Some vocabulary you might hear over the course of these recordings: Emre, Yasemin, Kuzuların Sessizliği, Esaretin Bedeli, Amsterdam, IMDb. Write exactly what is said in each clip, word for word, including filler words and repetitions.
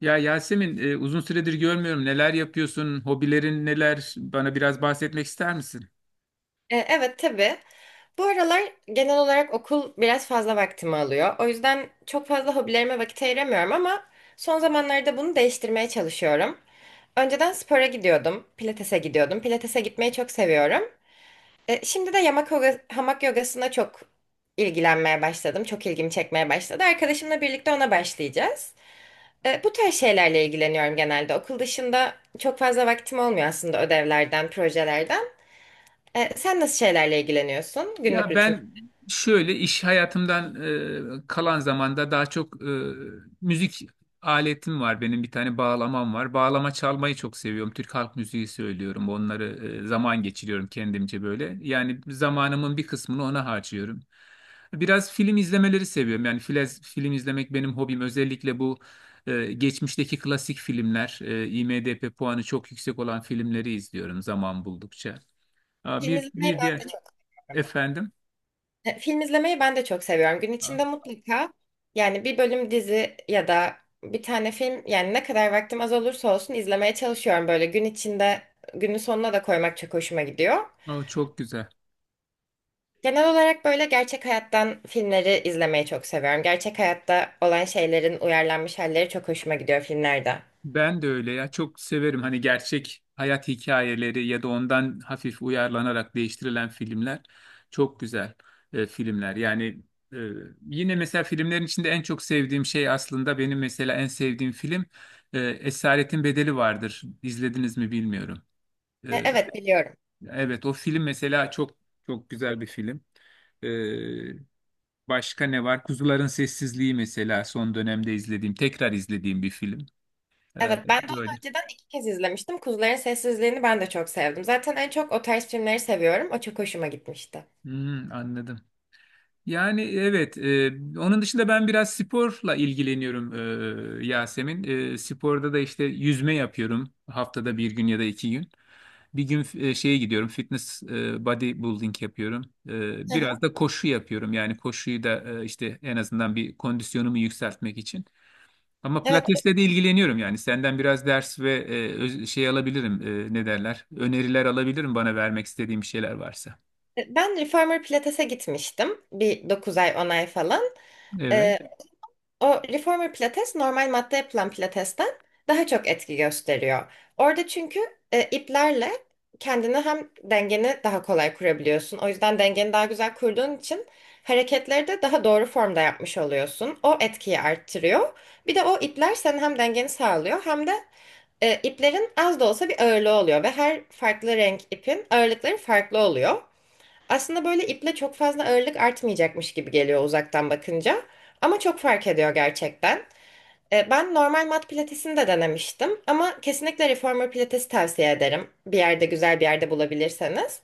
Ya Yasemin, e, uzun süredir görmüyorum. Neler yapıyorsun? Hobilerin neler? Bana biraz bahsetmek ister misin? E, Evet, tabii. Bu aralar genel olarak okul biraz fazla vaktimi alıyor. O yüzden çok fazla hobilerime vakit ayıramıyorum ama son zamanlarda bunu değiştirmeye çalışıyorum. Önceden spora gidiyordum, pilatese gidiyordum. Pilatese gitmeyi çok seviyorum. E, şimdi de yamak yoga, hamak yogasına çok ilgilenmeye başladım. Çok ilgimi çekmeye başladı. Arkadaşımla birlikte ona başlayacağız. E, bu tarz şeylerle ilgileniyorum genelde. Okul dışında çok fazla vaktim olmuyor aslında, ödevlerden, projelerden. E, sen nasıl şeylerle ilgileniyorsun, günlük Ya rutin? ben şöyle iş hayatımdan e, kalan zamanda daha çok e, müzik aletim var benim bir tane bağlamam var. Bağlama çalmayı çok seviyorum. Türk halk müziği söylüyorum. Onları e, zaman geçiriyorum kendimce böyle. Yani zamanımın bir kısmını ona harcıyorum. Biraz film izlemeleri seviyorum. Yani filez, film izlemek benim hobim. Özellikle bu e, geçmişteki klasik filmler, e, IMDb puanı çok yüksek olan filmleri izliyorum zaman buldukça. Aa, Film bir izlemeyi bir ben de diğer çok seviyorum. efendim. E, Film izlemeyi ben de çok seviyorum. Gün içinde mutlaka, yani bir bölüm dizi ya da bir tane film, yani ne kadar vaktim az olursa olsun izlemeye çalışıyorum, böyle gün içinde günün sonuna da koymak çok hoşuma gidiyor. O çok güzel. Genel olarak böyle gerçek hayattan filmleri izlemeyi çok seviyorum. Gerçek hayatta olan şeylerin uyarlanmış halleri çok hoşuma gidiyor filmlerde. Ben de öyle ya, çok severim hani gerçek hayat hikayeleri ya da ondan hafif uyarlanarak değiştirilen filmler çok güzel e, filmler. Yani e, yine mesela filmlerin içinde en çok sevdiğim şey aslında benim mesela en sevdiğim film e, Esaretin Bedeli vardır. İzlediniz mi bilmiyorum. E, E, Evet, biliyorum. evet, o film mesela çok çok güzel bir film. E, Başka ne var? Kuzuların Sessizliği mesela son dönemde izlediğim, tekrar izlediğim bir film. Ee, Evet, ben de onu böyle. önceden iki kez izlemiştim. Kuzuların Sessizliğini ben de çok sevdim. Zaten en çok o tarz filmleri seviyorum. O çok hoşuma gitmişti. Hmm, anladım. Yani evet, e, onun dışında ben biraz sporla ilgileniyorum e, Yasemin. E, sporda da işte yüzme yapıyorum haftada bir gün ya da iki gün. Bir gün e, şeye gidiyorum, fitness, e, bodybuilding yapıyorum. E, Hı hı. biraz da koşu yapıyorum. Yani koşuyu da e, işte en azından bir kondisyonumu yükseltmek için. Ama Evet, pilatesle de ilgileniyorum yani. Senden biraz ders ve e, öz- şey alabilirim, e, ne derler? Öneriler alabilirim bana vermek istediğim bir şeyler varsa. e, ben Reformer Pilates'e gitmiştim. Bir dokuz ay on ay falan. Evet. O reformer pilates normal matta yapılan pilatesten daha çok etki gösteriyor. Orada çünkü e, iplerle kendini, hem dengeni daha kolay kurabiliyorsun. O yüzden dengeni daha güzel kurduğun için hareketleri de daha doğru formda yapmış oluyorsun. O etkiyi arttırıyor. Bir de o ipler senin hem dengeni sağlıyor hem de e, iplerin az da olsa bir ağırlığı oluyor ve her farklı renk ipin ağırlıkları farklı oluyor. Aslında böyle iple çok fazla ağırlık artmayacakmış gibi geliyor uzaktan bakınca. Ama çok fark ediyor gerçekten. E, Ben normal mat pilatesini de denemiştim. Ama kesinlikle reformer pilatesi tavsiye ederim. Bir yerde, güzel bir yerde bulabilirseniz.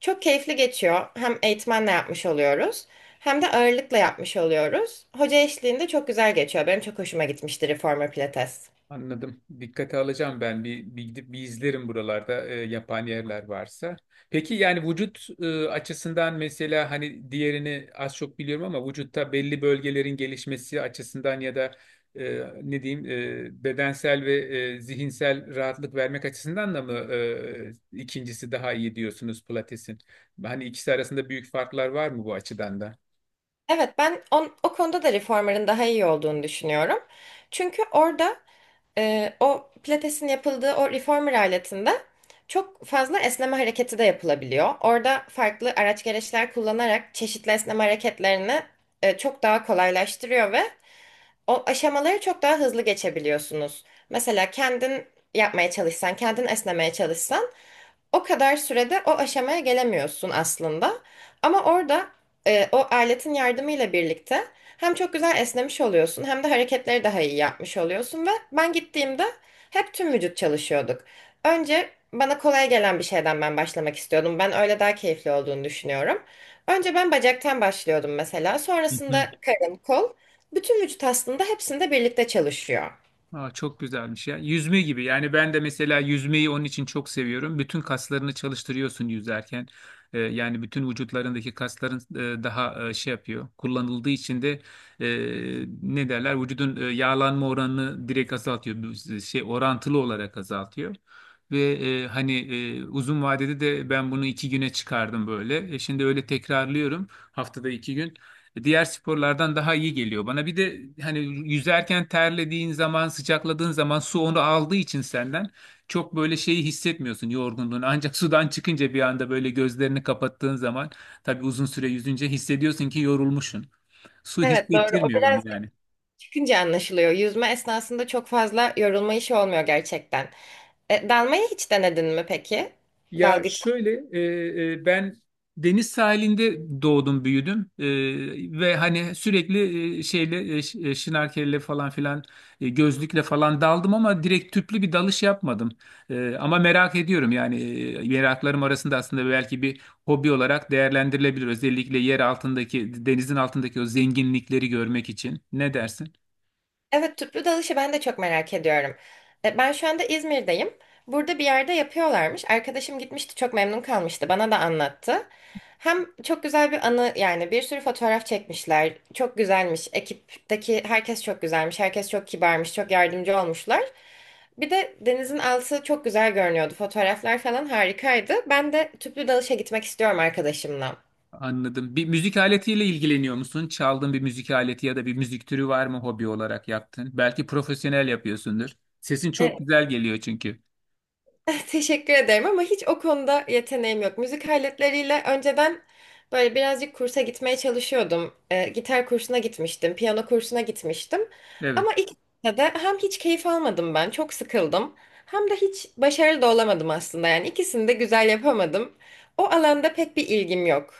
Çok keyifli geçiyor. Hem eğitmenle yapmış oluyoruz. Hem de ağırlıkla yapmış oluyoruz. Hoca eşliğinde çok güzel geçiyor. Benim çok hoşuma gitmişti reformer pilates. Anladım. Dikkate alacağım ben. Bir, bir gidip bir izlerim buralarda e, yapan yerler varsa. Peki yani vücut e, açısından mesela hani diğerini az çok biliyorum, ama vücutta belli bölgelerin gelişmesi açısından ya da e, ne diyeyim, e, bedensel ve e, zihinsel rahatlık vermek açısından da mı e, ikincisi daha iyi diyorsunuz Pilates'in? Hani ikisi arasında büyük farklar var mı bu açıdan da? Evet, ben on- o konuda da reformer'ın daha iyi olduğunu düşünüyorum. Çünkü orada, Ee, o pilatesin yapıldığı o reformer aletinde çok fazla esneme hareketi de yapılabiliyor. Orada farklı araç gereçler kullanarak çeşitli esneme hareketlerini e, çok daha kolaylaştırıyor ve o aşamaları çok daha hızlı geçebiliyorsunuz. Mesela kendin yapmaya çalışsan, kendin esnemeye çalışsan o kadar sürede o aşamaya gelemiyorsun aslında. Ama orada e, o aletin yardımıyla birlikte hem çok güzel esnemiş oluyorsun hem de hareketleri daha iyi yapmış oluyorsun ve ben gittiğimde hep tüm vücut çalışıyorduk. Önce bana kolay gelen bir şeyden ben başlamak istiyordum. Ben öyle daha keyifli olduğunu düşünüyorum. Önce ben bacaktan başlıyordum mesela. Sonrasında karın, kol. Bütün vücut aslında hepsinde birlikte çalışıyor. Aa, çok güzelmiş ya. Yüzme gibi. Yani ben de mesela yüzmeyi onun için çok seviyorum. Bütün kaslarını çalıştırıyorsun yüzerken. Ee, yani bütün vücutlarındaki kasların e, daha e, şey yapıyor. Kullanıldığı için de e, ne derler? Vücudun e, yağlanma oranını direkt azaltıyor. Bu e, şey orantılı olarak azaltıyor. Ve e, hani e, uzun vadede de ben bunu iki güne çıkardım böyle. E, şimdi öyle tekrarlıyorum haftada iki gün, diğer sporlardan daha iyi geliyor bana. Bir de hani yüzerken terlediğin zaman, sıcakladığın zaman su onu aldığı için senden çok böyle şeyi hissetmiyorsun, yorgunluğunu. Ancak sudan çıkınca bir anda böyle gözlerini kapattığın zaman, tabii uzun süre yüzünce hissediyorsun ki yorulmuşsun. Su Evet, doğru. O hissettirmiyor biraz onu yani. çıkınca anlaşılıyor. Yüzme esnasında çok fazla yorulma işi olmuyor gerçekten. E, dalmayı hiç denedin mi peki? Ya Dalgıç. şöyle e, e, ben deniz sahilinde doğdum büyüdüm. E, ve hani sürekli e, şeyle e, ş- e, şnorkelle falan filan, e, gözlükle falan daldım ama direkt tüplü bir dalış yapmadım. E, ama merak ediyorum yani, e, meraklarım arasında aslında belki bir hobi olarak değerlendirilebilir, özellikle yer altındaki, denizin altındaki o zenginlikleri görmek için. Ne dersin? Evet, tüplü dalışı ben de çok merak ediyorum. E, ben şu anda İzmir'deyim. Burada bir yerde yapıyorlarmış. Arkadaşım gitmişti, çok memnun kalmıştı. Bana da anlattı. Hem çok güzel bir anı, yani bir sürü fotoğraf çekmişler. Çok güzelmiş. Ekipteki herkes çok güzelmiş. Herkes çok kibarmış. Çok yardımcı olmuşlar. Bir de denizin altı çok güzel görünüyordu. Fotoğraflar falan harikaydı. Ben de tüplü dalışa gitmek istiyorum arkadaşımla. Anladım. Bir müzik aletiyle ilgileniyor musun? Çaldığın bir müzik aleti ya da bir müzik türü var mı, hobi olarak yaptın? Belki profesyonel yapıyorsundur. Sesin E, çok güzel geliyor çünkü. Teşekkür ederim ama hiç o konuda yeteneğim yok. Müzik aletleriyle önceden böyle birazcık kursa gitmeye çalışıyordum. E, gitar kursuna gitmiştim, piyano kursuna gitmiştim. Evet. Ama ikisinde de hem hiç keyif almadım ben, çok sıkıldım. Hem de hiç başarılı da olamadım aslında. Yani ikisini de güzel yapamadım. O alanda pek bir ilgim yok.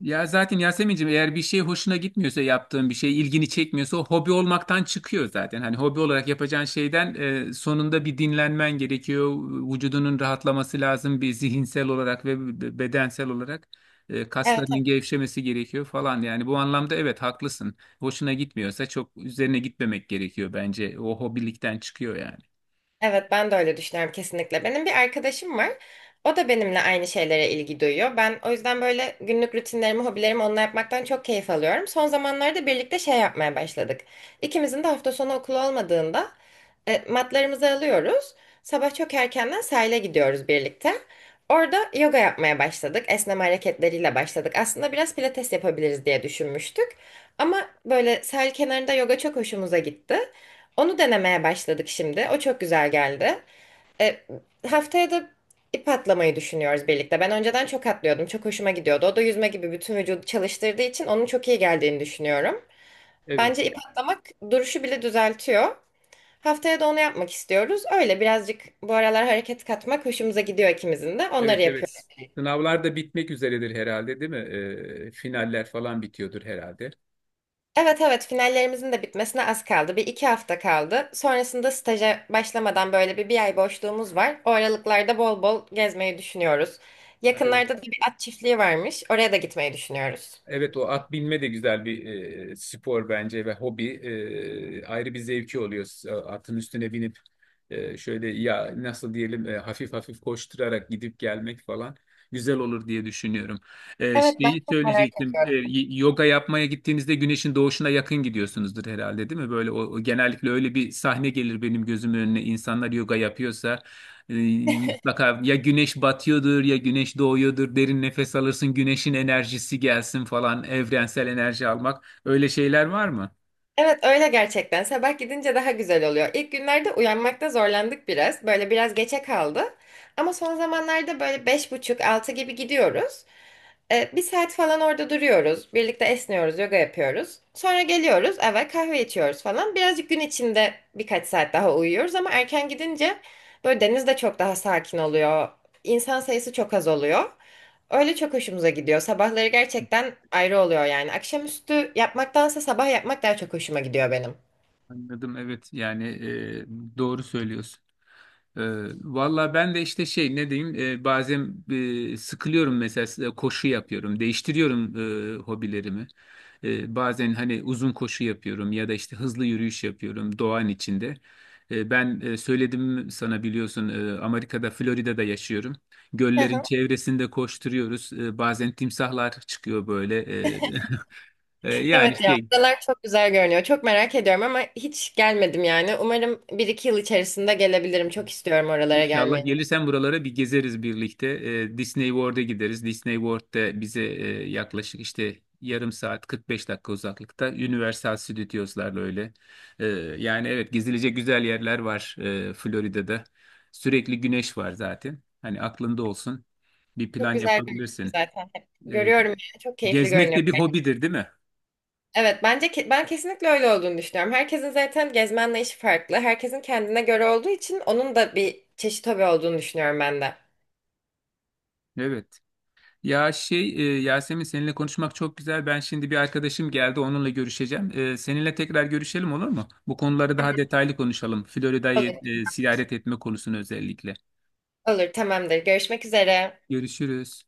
Ya zaten Yasemin'cim, eğer bir şey hoşuna gitmiyorsa, yaptığın bir şey ilgini çekmiyorsa, o hobi olmaktan çıkıyor zaten. Hani hobi olarak yapacağın şeyden e, sonunda bir dinlenmen gerekiyor. Vücudunun rahatlaması lazım, bir zihinsel olarak ve b- bedensel olarak e, Evet. kaslarının gevşemesi gerekiyor falan. Yani bu anlamda evet, haklısın. Hoşuna gitmiyorsa çok üzerine gitmemek gerekiyor bence. O hobilikten çıkıyor yani. Evet, ben de öyle düşünüyorum kesinlikle. Benim bir arkadaşım var. O da benimle aynı şeylere ilgi duyuyor. Ben o yüzden böyle günlük rutinlerimi, hobilerimi onunla yapmaktan çok keyif alıyorum. Son zamanlarda birlikte şey yapmaya başladık. İkimizin de hafta sonu okulu olmadığında e, matlarımızı alıyoruz. Sabah çok erkenden sahile gidiyoruz birlikte. Orada yoga yapmaya başladık. Esneme hareketleriyle başladık. Aslında biraz pilates yapabiliriz diye düşünmüştük. Ama böyle sahil kenarında yoga çok hoşumuza gitti. Onu denemeye başladık şimdi. O çok güzel geldi. E, Haftaya da ip atlamayı düşünüyoruz birlikte. Ben önceden çok atlıyordum. Çok hoşuma gidiyordu. O da yüzme gibi bütün vücudu çalıştırdığı için onun çok iyi geldiğini düşünüyorum. Evet, Bence ip atlamak duruşu bile düzeltiyor. Haftaya da onu yapmak istiyoruz. Öyle birazcık bu aralar hareket katmak hoşumuza gidiyor ikimizin de. Onları evet, yapıyoruz. evet. Sınavlar da bitmek üzeredir herhalde, değil mi? Ee, finaller falan bitiyordur herhalde. Evet, evet, finallerimizin de bitmesine az kaldı. Bir iki hafta kaldı. Sonrasında staja başlamadan böyle bir, bir ay boşluğumuz var. O aralıklarda bol bol gezmeyi düşünüyoruz. Evet. Yakınlarda da bir at çiftliği varmış. Oraya da gitmeyi düşünüyoruz. Evet, o at binme de güzel bir e, spor bence ve hobi. E, ayrı bir zevki oluyor, S- atın üstüne binip e, şöyle ya nasıl diyelim, e, hafif hafif koşturarak gidip gelmek falan, güzel olur diye düşünüyorum. E, Evet, ben şeyi çok merak söyleyecektim. E, ediyorum. y- yoga yapmaya gittiğinizde güneşin doğuşuna yakın gidiyorsunuzdur herhalde, değil mi? Böyle o, o genellikle öyle bir sahne gelir benim gözümün önüne, insanlar yoga yapıyorsa. ee, Mutlaka ya güneş batıyordur ya güneş doğuyordur. Derin nefes alırsın, güneşin enerjisi gelsin falan. Evrensel enerji almak. Öyle şeyler var mı? Evet, öyle gerçekten. Sabah gidince daha güzel oluyor. İlk günlerde uyanmakta zorlandık biraz. Böyle biraz geçe kaldı. Ama son zamanlarda böyle beş buçuk altı gibi gidiyoruz. E, bir saat falan orada duruyoruz. Birlikte esniyoruz, yoga yapıyoruz. Sonra geliyoruz eve, kahve içiyoruz falan. Birazcık gün içinde birkaç saat daha uyuyoruz ama erken gidince böyle deniz de çok daha sakin oluyor. İnsan sayısı çok az oluyor. Öyle çok hoşumuza gidiyor. Sabahları gerçekten ayrı oluyor yani. Akşamüstü yapmaktansa sabah yapmak daha çok hoşuma gidiyor benim. Anladım, evet, yani e, doğru söylüyorsun. Ee, Valla ben de işte şey, ne diyeyim, e, bazen e, sıkılıyorum mesela, e, koşu yapıyorum, değiştiriyorum e, hobilerimi. E, bazen hani uzun koşu yapıyorum ya da işte hızlı yürüyüş yapıyorum doğanın içinde. E, ben e, söyledim sana biliyorsun, e, Amerika'da, Florida'da yaşıyorum, Hı göllerin hı. çevresinde koşturuyoruz. E, bazen timsahlar çıkıyor böyle. E, E, yani Evet ya, şey adalar çok güzel görünüyor. Çok merak ediyorum ama hiç gelmedim yani. Umarım bir iki yıl içerisinde gelebilirim. Çok istiyorum oralara İnşallah gelmeyi. gelirsen buralara bir gezeriz birlikte. Ee, Disney World'a gideriz. Disney World'da bize e, yaklaşık işte yarım saat, kırk beş dakika uzaklıkta Universal Studios'larla öyle. Ee, yani evet, gezilecek güzel yerler var e, Florida'da. Sürekli güneş var zaten. Hani aklında olsun. Bir Çok plan güzel görünüyor yapabilirsin. zaten. Ee, Görüyorum yani. Çok keyifli gezmek görünüyor. de bir hobidir, değil mi? Evet, bence ke- ben kesinlikle öyle olduğunu düşünüyorum. Herkesin zaten gezme anlayışı farklı. Herkesin kendine göre olduğu için onun da bir çeşit hobi olduğunu düşünüyorum ben de. Evet. Ya şey e, Yasemin, seninle konuşmak çok güzel. Ben şimdi bir arkadaşım geldi, onunla görüşeceğim. E, seninle tekrar görüşelim, olur mu? Bu konuları daha detaylı konuşalım. Olur. Florida'yı e, ziyaret etme konusunu özellikle. Olur, tamamdır. Görüşmek üzere. Görüşürüz.